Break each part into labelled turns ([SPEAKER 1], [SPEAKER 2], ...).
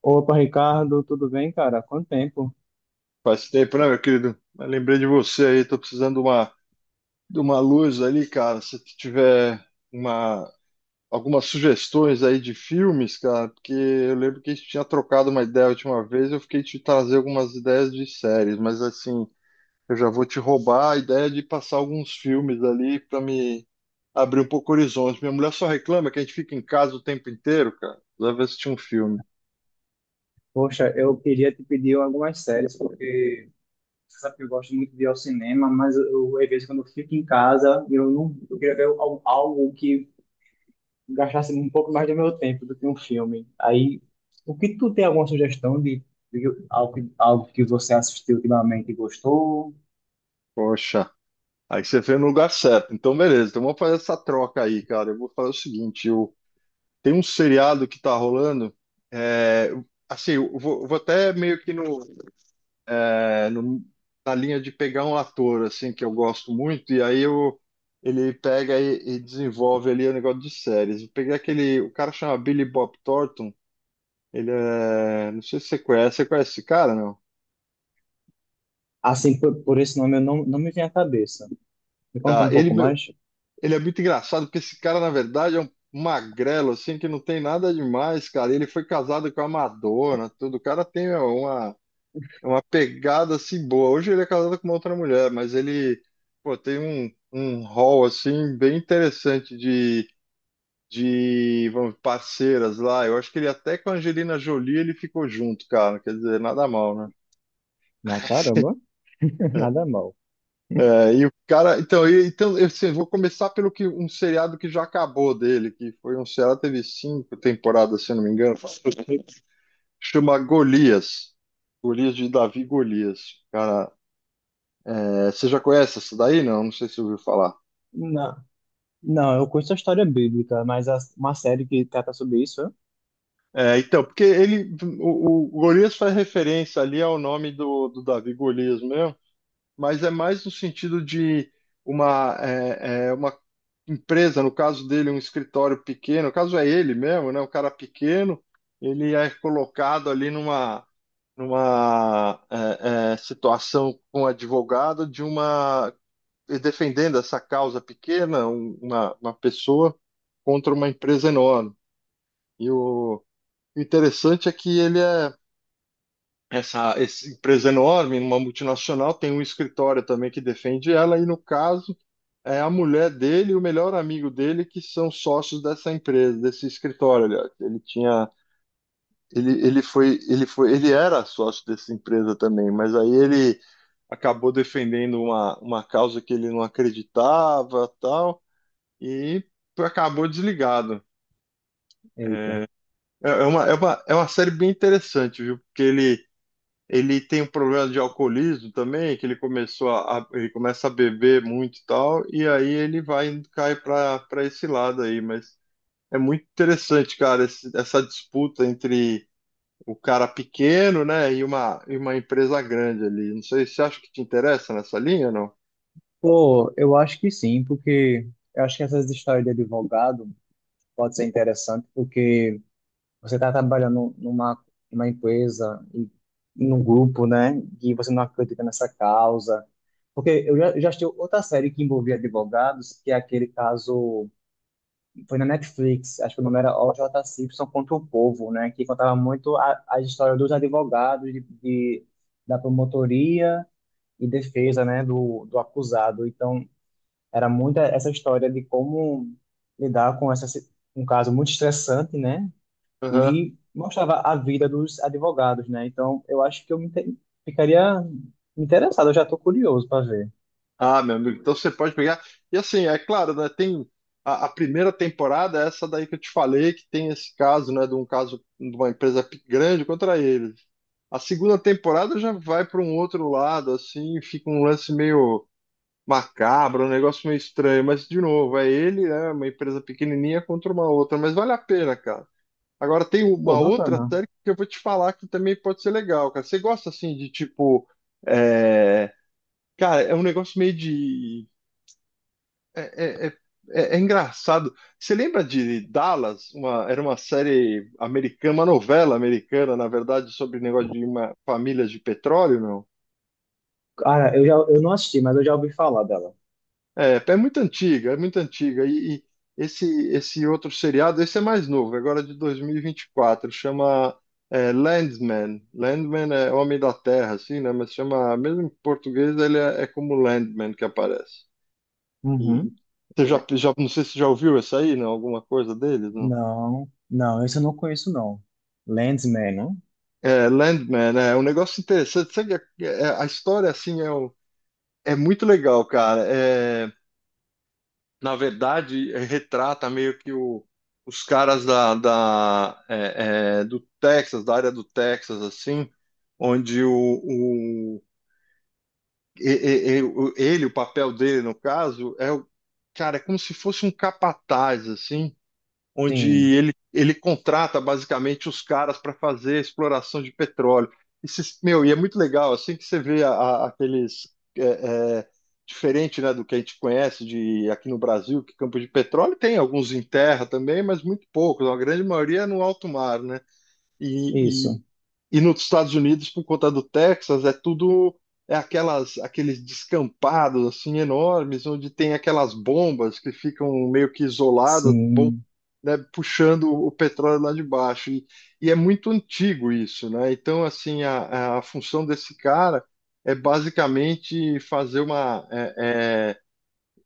[SPEAKER 1] Opa, Ricardo, tudo bem, cara? Quanto tempo?
[SPEAKER 2] Faz tempo, né, meu querido? Mas lembrei de você aí, tô precisando de uma luz ali, cara. Se tu tiver uma, algumas sugestões aí de filmes, cara, porque eu lembro que a gente tinha trocado uma ideia a última vez, eu fiquei te trazer algumas ideias de séries, mas assim, eu já vou te roubar a ideia de passar alguns filmes ali pra me abrir um pouco o horizonte. Minha mulher só reclama que a gente fica em casa o tempo inteiro, cara. Deve assistir um filme.
[SPEAKER 1] Poxa, eu queria te pedir algumas séries, porque você sabe que eu gosto muito de ir ao cinema, mas eu, às vezes quando eu fico em casa, eu não, eu queria ver algo que gastasse um pouco mais do meu tempo do que um filme. Aí, o que tu tem alguma sugestão de algo, algo que você assistiu ultimamente e gostou?
[SPEAKER 2] Poxa. Aí você veio no lugar certo. Então, beleza, então vamos fazer essa troca aí, cara. Eu vou fazer o seguinte: tem um seriado que tá rolando. é, assim, eu vou até meio que é, no- na linha de pegar um ator, assim, que eu gosto muito, e aí ele pega e desenvolve ali o negócio de séries. Eu peguei aquele. O cara chama Billy Bob Thornton. Ele é. Não sei se você conhece. Você conhece esse cara, não?
[SPEAKER 1] Assim, por esse nome eu não me vem à cabeça. Me conta
[SPEAKER 2] Tá,
[SPEAKER 1] um pouco mais?
[SPEAKER 2] ele é muito engraçado, porque esse cara, na verdade, é um magrelo, assim, que não tem nada demais, cara. Ele foi casado com a Madonna, tudo. O cara tem uma, uma pegada, assim, boa. Hoje ele é casado com uma outra mulher, mas ele, pô, tem um rol, assim, bem interessante de parceiras lá. Eu acho que ele até com a Angelina Jolie ele ficou junto, cara. Quer dizer, nada mal, né?
[SPEAKER 1] Na caramba, nada mal.
[SPEAKER 2] É, e o cara, então, então eu assim, vou começar pelo que um seriado que já acabou dele, que foi um seriado teve 5 temporadas, se eu não me engano, chama Golias, Golias de Davi Golias. Cara, você já conhece essa daí? Não, não sei se você ouviu falar.
[SPEAKER 1] Não, eu conheço a história bíblica, mas uma série que trata sobre isso, é?
[SPEAKER 2] É, então, porque o Golias faz referência ali ao nome do Davi Golias mesmo. Mas é mais no sentido de uma empresa, no caso dele, um escritório pequeno, no caso é ele mesmo, né? Um cara pequeno, ele é colocado ali numa situação com um advogado de uma defendendo essa causa pequena, uma pessoa contra uma empresa enorme. E o interessante é que essa empresa enorme, uma multinacional, tem um escritório também que defende ela, e no caso é a mulher dele e o melhor amigo dele que são sócios dessa empresa, desse escritório, aliás. Ele tinha, ele foi, ele foi, ele era sócio dessa empresa também, mas aí ele acabou defendendo uma causa que ele não acreditava, tal, e acabou desligado.
[SPEAKER 1] Eita.
[SPEAKER 2] É uma série bem interessante, viu? Porque ele tem um problema de alcoolismo também, que ele começou ele começa a beber muito e tal, e aí ele vai cai para esse lado aí, mas é muito interessante, cara, essa disputa entre o cara pequeno, né, e uma empresa grande ali. Não sei, você acha que te interessa nessa linha ou não?
[SPEAKER 1] Pô, eu acho que sim, porque eu acho que essas histórias de advogado pode ser interessante, porque você está trabalhando numa empresa e num grupo, né, e você não acredita nessa causa. Porque eu já assisti outra série que envolvia advogados, que é aquele caso. Foi na Netflix, acho que o nome era OJ Simpson contra o Povo, né? Que contava muito a história dos advogados, da promotoria e defesa, né? Do acusado. Então, era muito essa história de como lidar com um caso muito estressante, né?
[SPEAKER 2] Aham.
[SPEAKER 1] E mostrava a vida dos advogados, né? Então, eu acho que eu ficaria interessado, eu já tô curioso para ver.
[SPEAKER 2] Ah, meu amigo, então você pode pegar. E assim, é claro, né, tem a primeira temporada, é essa daí que eu te falei, que tem esse caso, né, de um caso de uma empresa grande contra eles. A segunda temporada já vai para um outro lado, assim, fica um lance meio macabro, um negócio meio estranho, mas de novo, é ele, né, uma empresa pequenininha contra uma outra, mas vale a pena, cara. Agora tem
[SPEAKER 1] Pô,
[SPEAKER 2] uma outra
[SPEAKER 1] bacana.
[SPEAKER 2] série que eu vou te falar que também pode ser legal, cara. Você gosta assim de tipo, é, cara, é um negócio meio de é, é, é- é engraçado. Você lembra de Dallas? Era uma série americana, uma novela americana, na verdade, sobre negócio de uma família de petróleo, não?
[SPEAKER 1] Cara, eu não assisti, mas eu já ouvi falar dela.
[SPEAKER 2] É, é muito antiga, é muito antiga. E esse, esse outro seriado, esse é mais novo, agora é de 2024, chama Landman. Landman é Homem da Terra, assim, né? Mas chama, mesmo em português, ele é como Landman que aparece. E
[SPEAKER 1] Uhum.
[SPEAKER 2] você já, não sei se já ouviu essa aí, não? Alguma coisa deles, não?
[SPEAKER 1] Não, não, esse eu não conheço, não. Landsman, não?
[SPEAKER 2] É, Landman, é um negócio interessante. Sabe, a história, assim, é muito legal, cara. É, na verdade, retrata meio que os caras do Texas, da área do Texas, assim, onde o- e- o- ele, o papel dele, no caso, cara, é como se fosse um capataz, assim, onde
[SPEAKER 1] Sim,
[SPEAKER 2] ele contrata basicamente os caras para fazer exploração de petróleo. Meu, e é muito legal, assim que você vê aqueles. é, é, Diferente, né, do que a gente conhece de aqui no Brasil, que campo de petróleo tem alguns em terra também, mas muito poucos, a grande maioria é no alto mar, né? E,
[SPEAKER 1] isso.
[SPEAKER 2] e, e nos Estados Unidos, por conta do Texas, é tudo. Aqueles descampados assim enormes, onde tem aquelas bombas que ficam meio que isoladas,
[SPEAKER 1] Sim.
[SPEAKER 2] né, puxando o petróleo lá de baixo. E é muito antigo isso, né? Então, assim, a função desse cara é basicamente fazer uma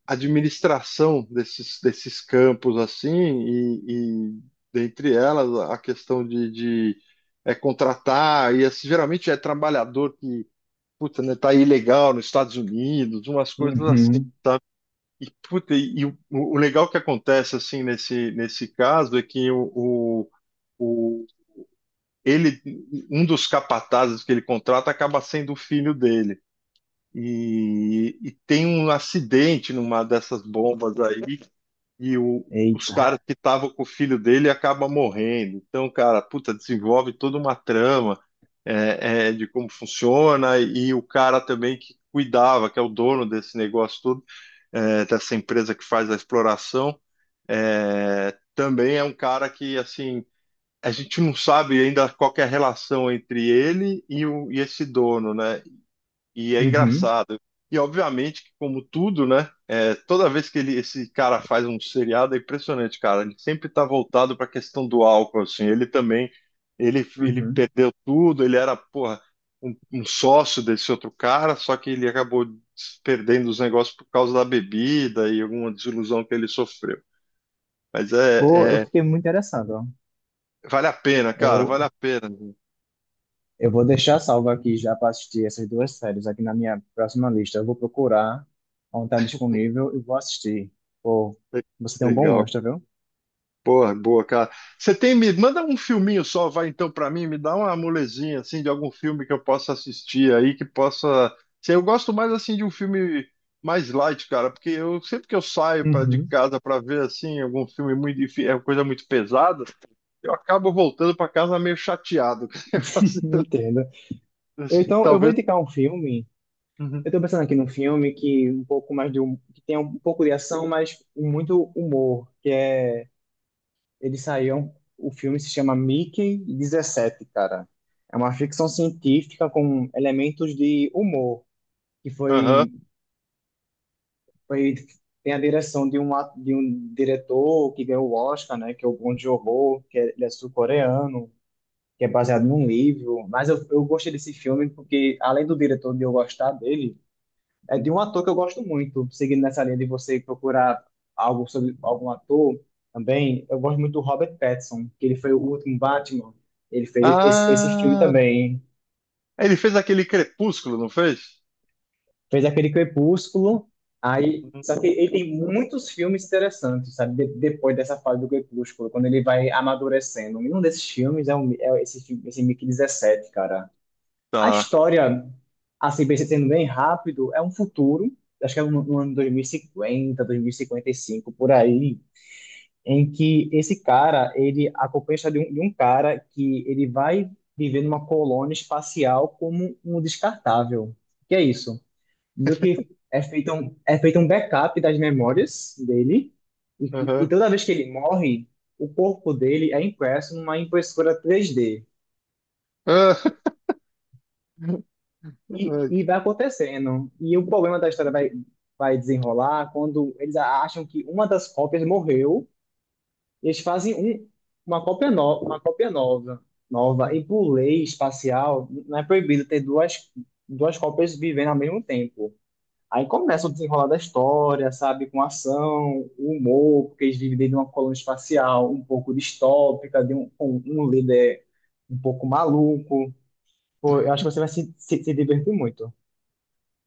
[SPEAKER 2] administração desses campos, assim, e dentre elas a questão de contratar, e assim, geralmente é trabalhador que, puta, né, tá ilegal nos Estados Unidos, umas coisas assim.
[SPEAKER 1] Uhum.
[SPEAKER 2] E, puta, e o legal que acontece assim nesse caso é que o, ele, um dos capatazes que ele contrata acaba sendo o filho dele. E tem um acidente numa dessas bombas aí, e os caras
[SPEAKER 1] Eita.
[SPEAKER 2] que estavam com o filho dele acabam morrendo. Então, cara, puta, desenvolve toda uma trama de como funciona, e o cara também que cuidava, que é o dono desse negócio todo, dessa empresa que faz a exploração, também é um cara que, assim, a gente não sabe ainda qual que é a relação entre ele e esse dono, né? E é
[SPEAKER 1] Uhum.
[SPEAKER 2] engraçado. E obviamente que, como tudo, né? Toda vez que esse cara faz um seriado, é impressionante, cara. Ele sempre está voltado para a questão do álcool, assim. Ele também, ele
[SPEAKER 1] Uhum.
[SPEAKER 2] perdeu tudo. Ele era, porra, um sócio desse outro cara, só que ele acabou perdendo os negócios por causa da bebida e alguma desilusão que ele sofreu. Mas
[SPEAKER 1] Pô, eu fiquei muito interessado, ó.
[SPEAKER 2] vale a pena, cara,
[SPEAKER 1] Eu,
[SPEAKER 2] vale a pena.
[SPEAKER 1] eu vou deixar salvo aqui já para assistir essas duas séries aqui na minha próxima lista. Eu vou procurar onde está disponível e vou assistir. Pô,
[SPEAKER 2] Le-
[SPEAKER 1] você tem um bom
[SPEAKER 2] Legal.
[SPEAKER 1] gosto, viu?
[SPEAKER 2] Porra, boa, cara. Você tem me manda um filminho só, vai então pra mim, me dá uma molezinha assim de algum filme que eu possa assistir aí que possa. Sei, eu gosto mais assim de um filme mais light, cara, porque eu sempre que eu saio para de
[SPEAKER 1] Uhum.
[SPEAKER 2] casa pra ver assim algum filme muito é uma coisa muito pesada, eu acabo voltando pra casa meio chateado. Eu gosto-
[SPEAKER 1] Entendo. Então, eu vou
[SPEAKER 2] Talvez.
[SPEAKER 1] indicar um filme.
[SPEAKER 2] Uhum.
[SPEAKER 1] Eu tô pensando aqui num filme que um pouco mais de que tem um pouco de ação, mas muito humor, que é ele saiu, o filme se chama Mickey 17, cara. É uma ficção científica com elementos de humor, que
[SPEAKER 2] Aham.
[SPEAKER 1] foi foi tem a direção de de um diretor que ganhou o Oscar, né, que é o Bong Joon-ho, que é, ele é sul-coreano, que é baseado num livro, mas eu gostei desse filme porque além do diretor de eu gostar dele, é de
[SPEAKER 2] Uhum.
[SPEAKER 1] um ator que eu gosto muito, seguindo nessa linha de você procurar algo sobre algum ator também. Eu gosto muito do Robert Pattinson, que ele foi o último Batman. Ele fez esse filme
[SPEAKER 2] Ah,
[SPEAKER 1] também.
[SPEAKER 2] ele fez aquele Crepúsculo, não fez?
[SPEAKER 1] Fez aquele Crepúsculo. Aí,
[SPEAKER 2] Uhum.
[SPEAKER 1] só que ele tem muitos filmes interessantes, sabe? Depois dessa fase do Crepúsculo, quando ele vai amadurecendo. E um desses filmes é, um, é esse, esse Mickey 17, cara. A
[SPEAKER 2] Tá.
[SPEAKER 1] história, assim, sendo bem rápido, é um futuro, acho que é no ano 2050, 2055 por aí, em que esse cara, ele acompanha a história de um cara que ele vai viver numa colônia espacial como um descartável. Que é isso? Do que é feito um backup das memórias dele, e
[SPEAKER 2] Aham.
[SPEAKER 1] toda vez que ele morre, o corpo dele é impresso numa impressora 3D
[SPEAKER 2] Ah.
[SPEAKER 1] E vai acontecendo. E o problema da história vai desenrolar quando eles acham que uma das cópias morreu, eles fazem um, uma cópia nova, nova. E por lei espacial, não é proibido ter duas cópias vivendo ao mesmo tempo. Aí começa o desenrolar da história, sabe? Com ação, humor, porque eles vivem dentro de uma colônia espacial um pouco distópica, de um líder um pouco maluco. Pô, eu acho que você vai se divertir muito.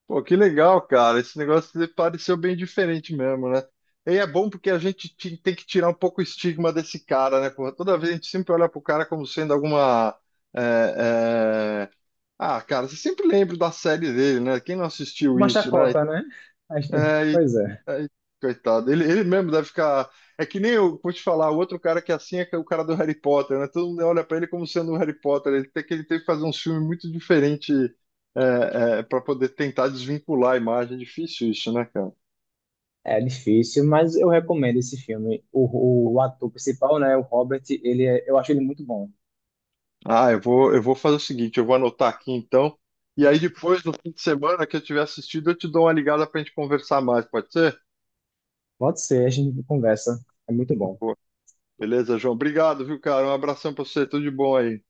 [SPEAKER 2] Pô, que legal, cara. Esse negócio pareceu bem diferente mesmo, né? E é bom porque a gente tem que tirar um pouco o estigma desse cara, né? Porra, toda vez a gente sempre olha pro cara como sendo alguma. é, é, Ah, cara, você sempre lembra da série dele, né? Quem não assistiu
[SPEAKER 1] Uma
[SPEAKER 2] isso, né?
[SPEAKER 1] chacota, né? Mas, né?
[SPEAKER 2] Ai,
[SPEAKER 1] Pois é.
[SPEAKER 2] ai, coitado. Ele mesmo deve ficar. É que nem eu vou te falar, o outro cara que é assim é que é o cara do Harry Potter, né? Todo mundo olha pra ele como sendo o Harry Potter. Ele teve que fazer um filme muito diferente para poder tentar desvincular a imagem. É difícil isso, né, cara?
[SPEAKER 1] É difícil, mas eu recomendo esse filme. O ator principal, né, o Robert, eu acho ele muito bom.
[SPEAKER 2] Ah, eu vou fazer o seguinte, eu vou anotar aqui então. E aí depois, no fim de semana que eu tiver assistido, eu te dou uma ligada pra gente conversar mais, pode ser?
[SPEAKER 1] Pode ser, a gente conversa. É muito bom.
[SPEAKER 2] Boa. Beleza, João? Obrigado, viu, cara? Um abração pra você, tudo de bom aí.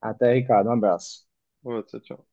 [SPEAKER 1] Até, Ricardo, um abraço.
[SPEAKER 2] Boa, Tchau, tchau.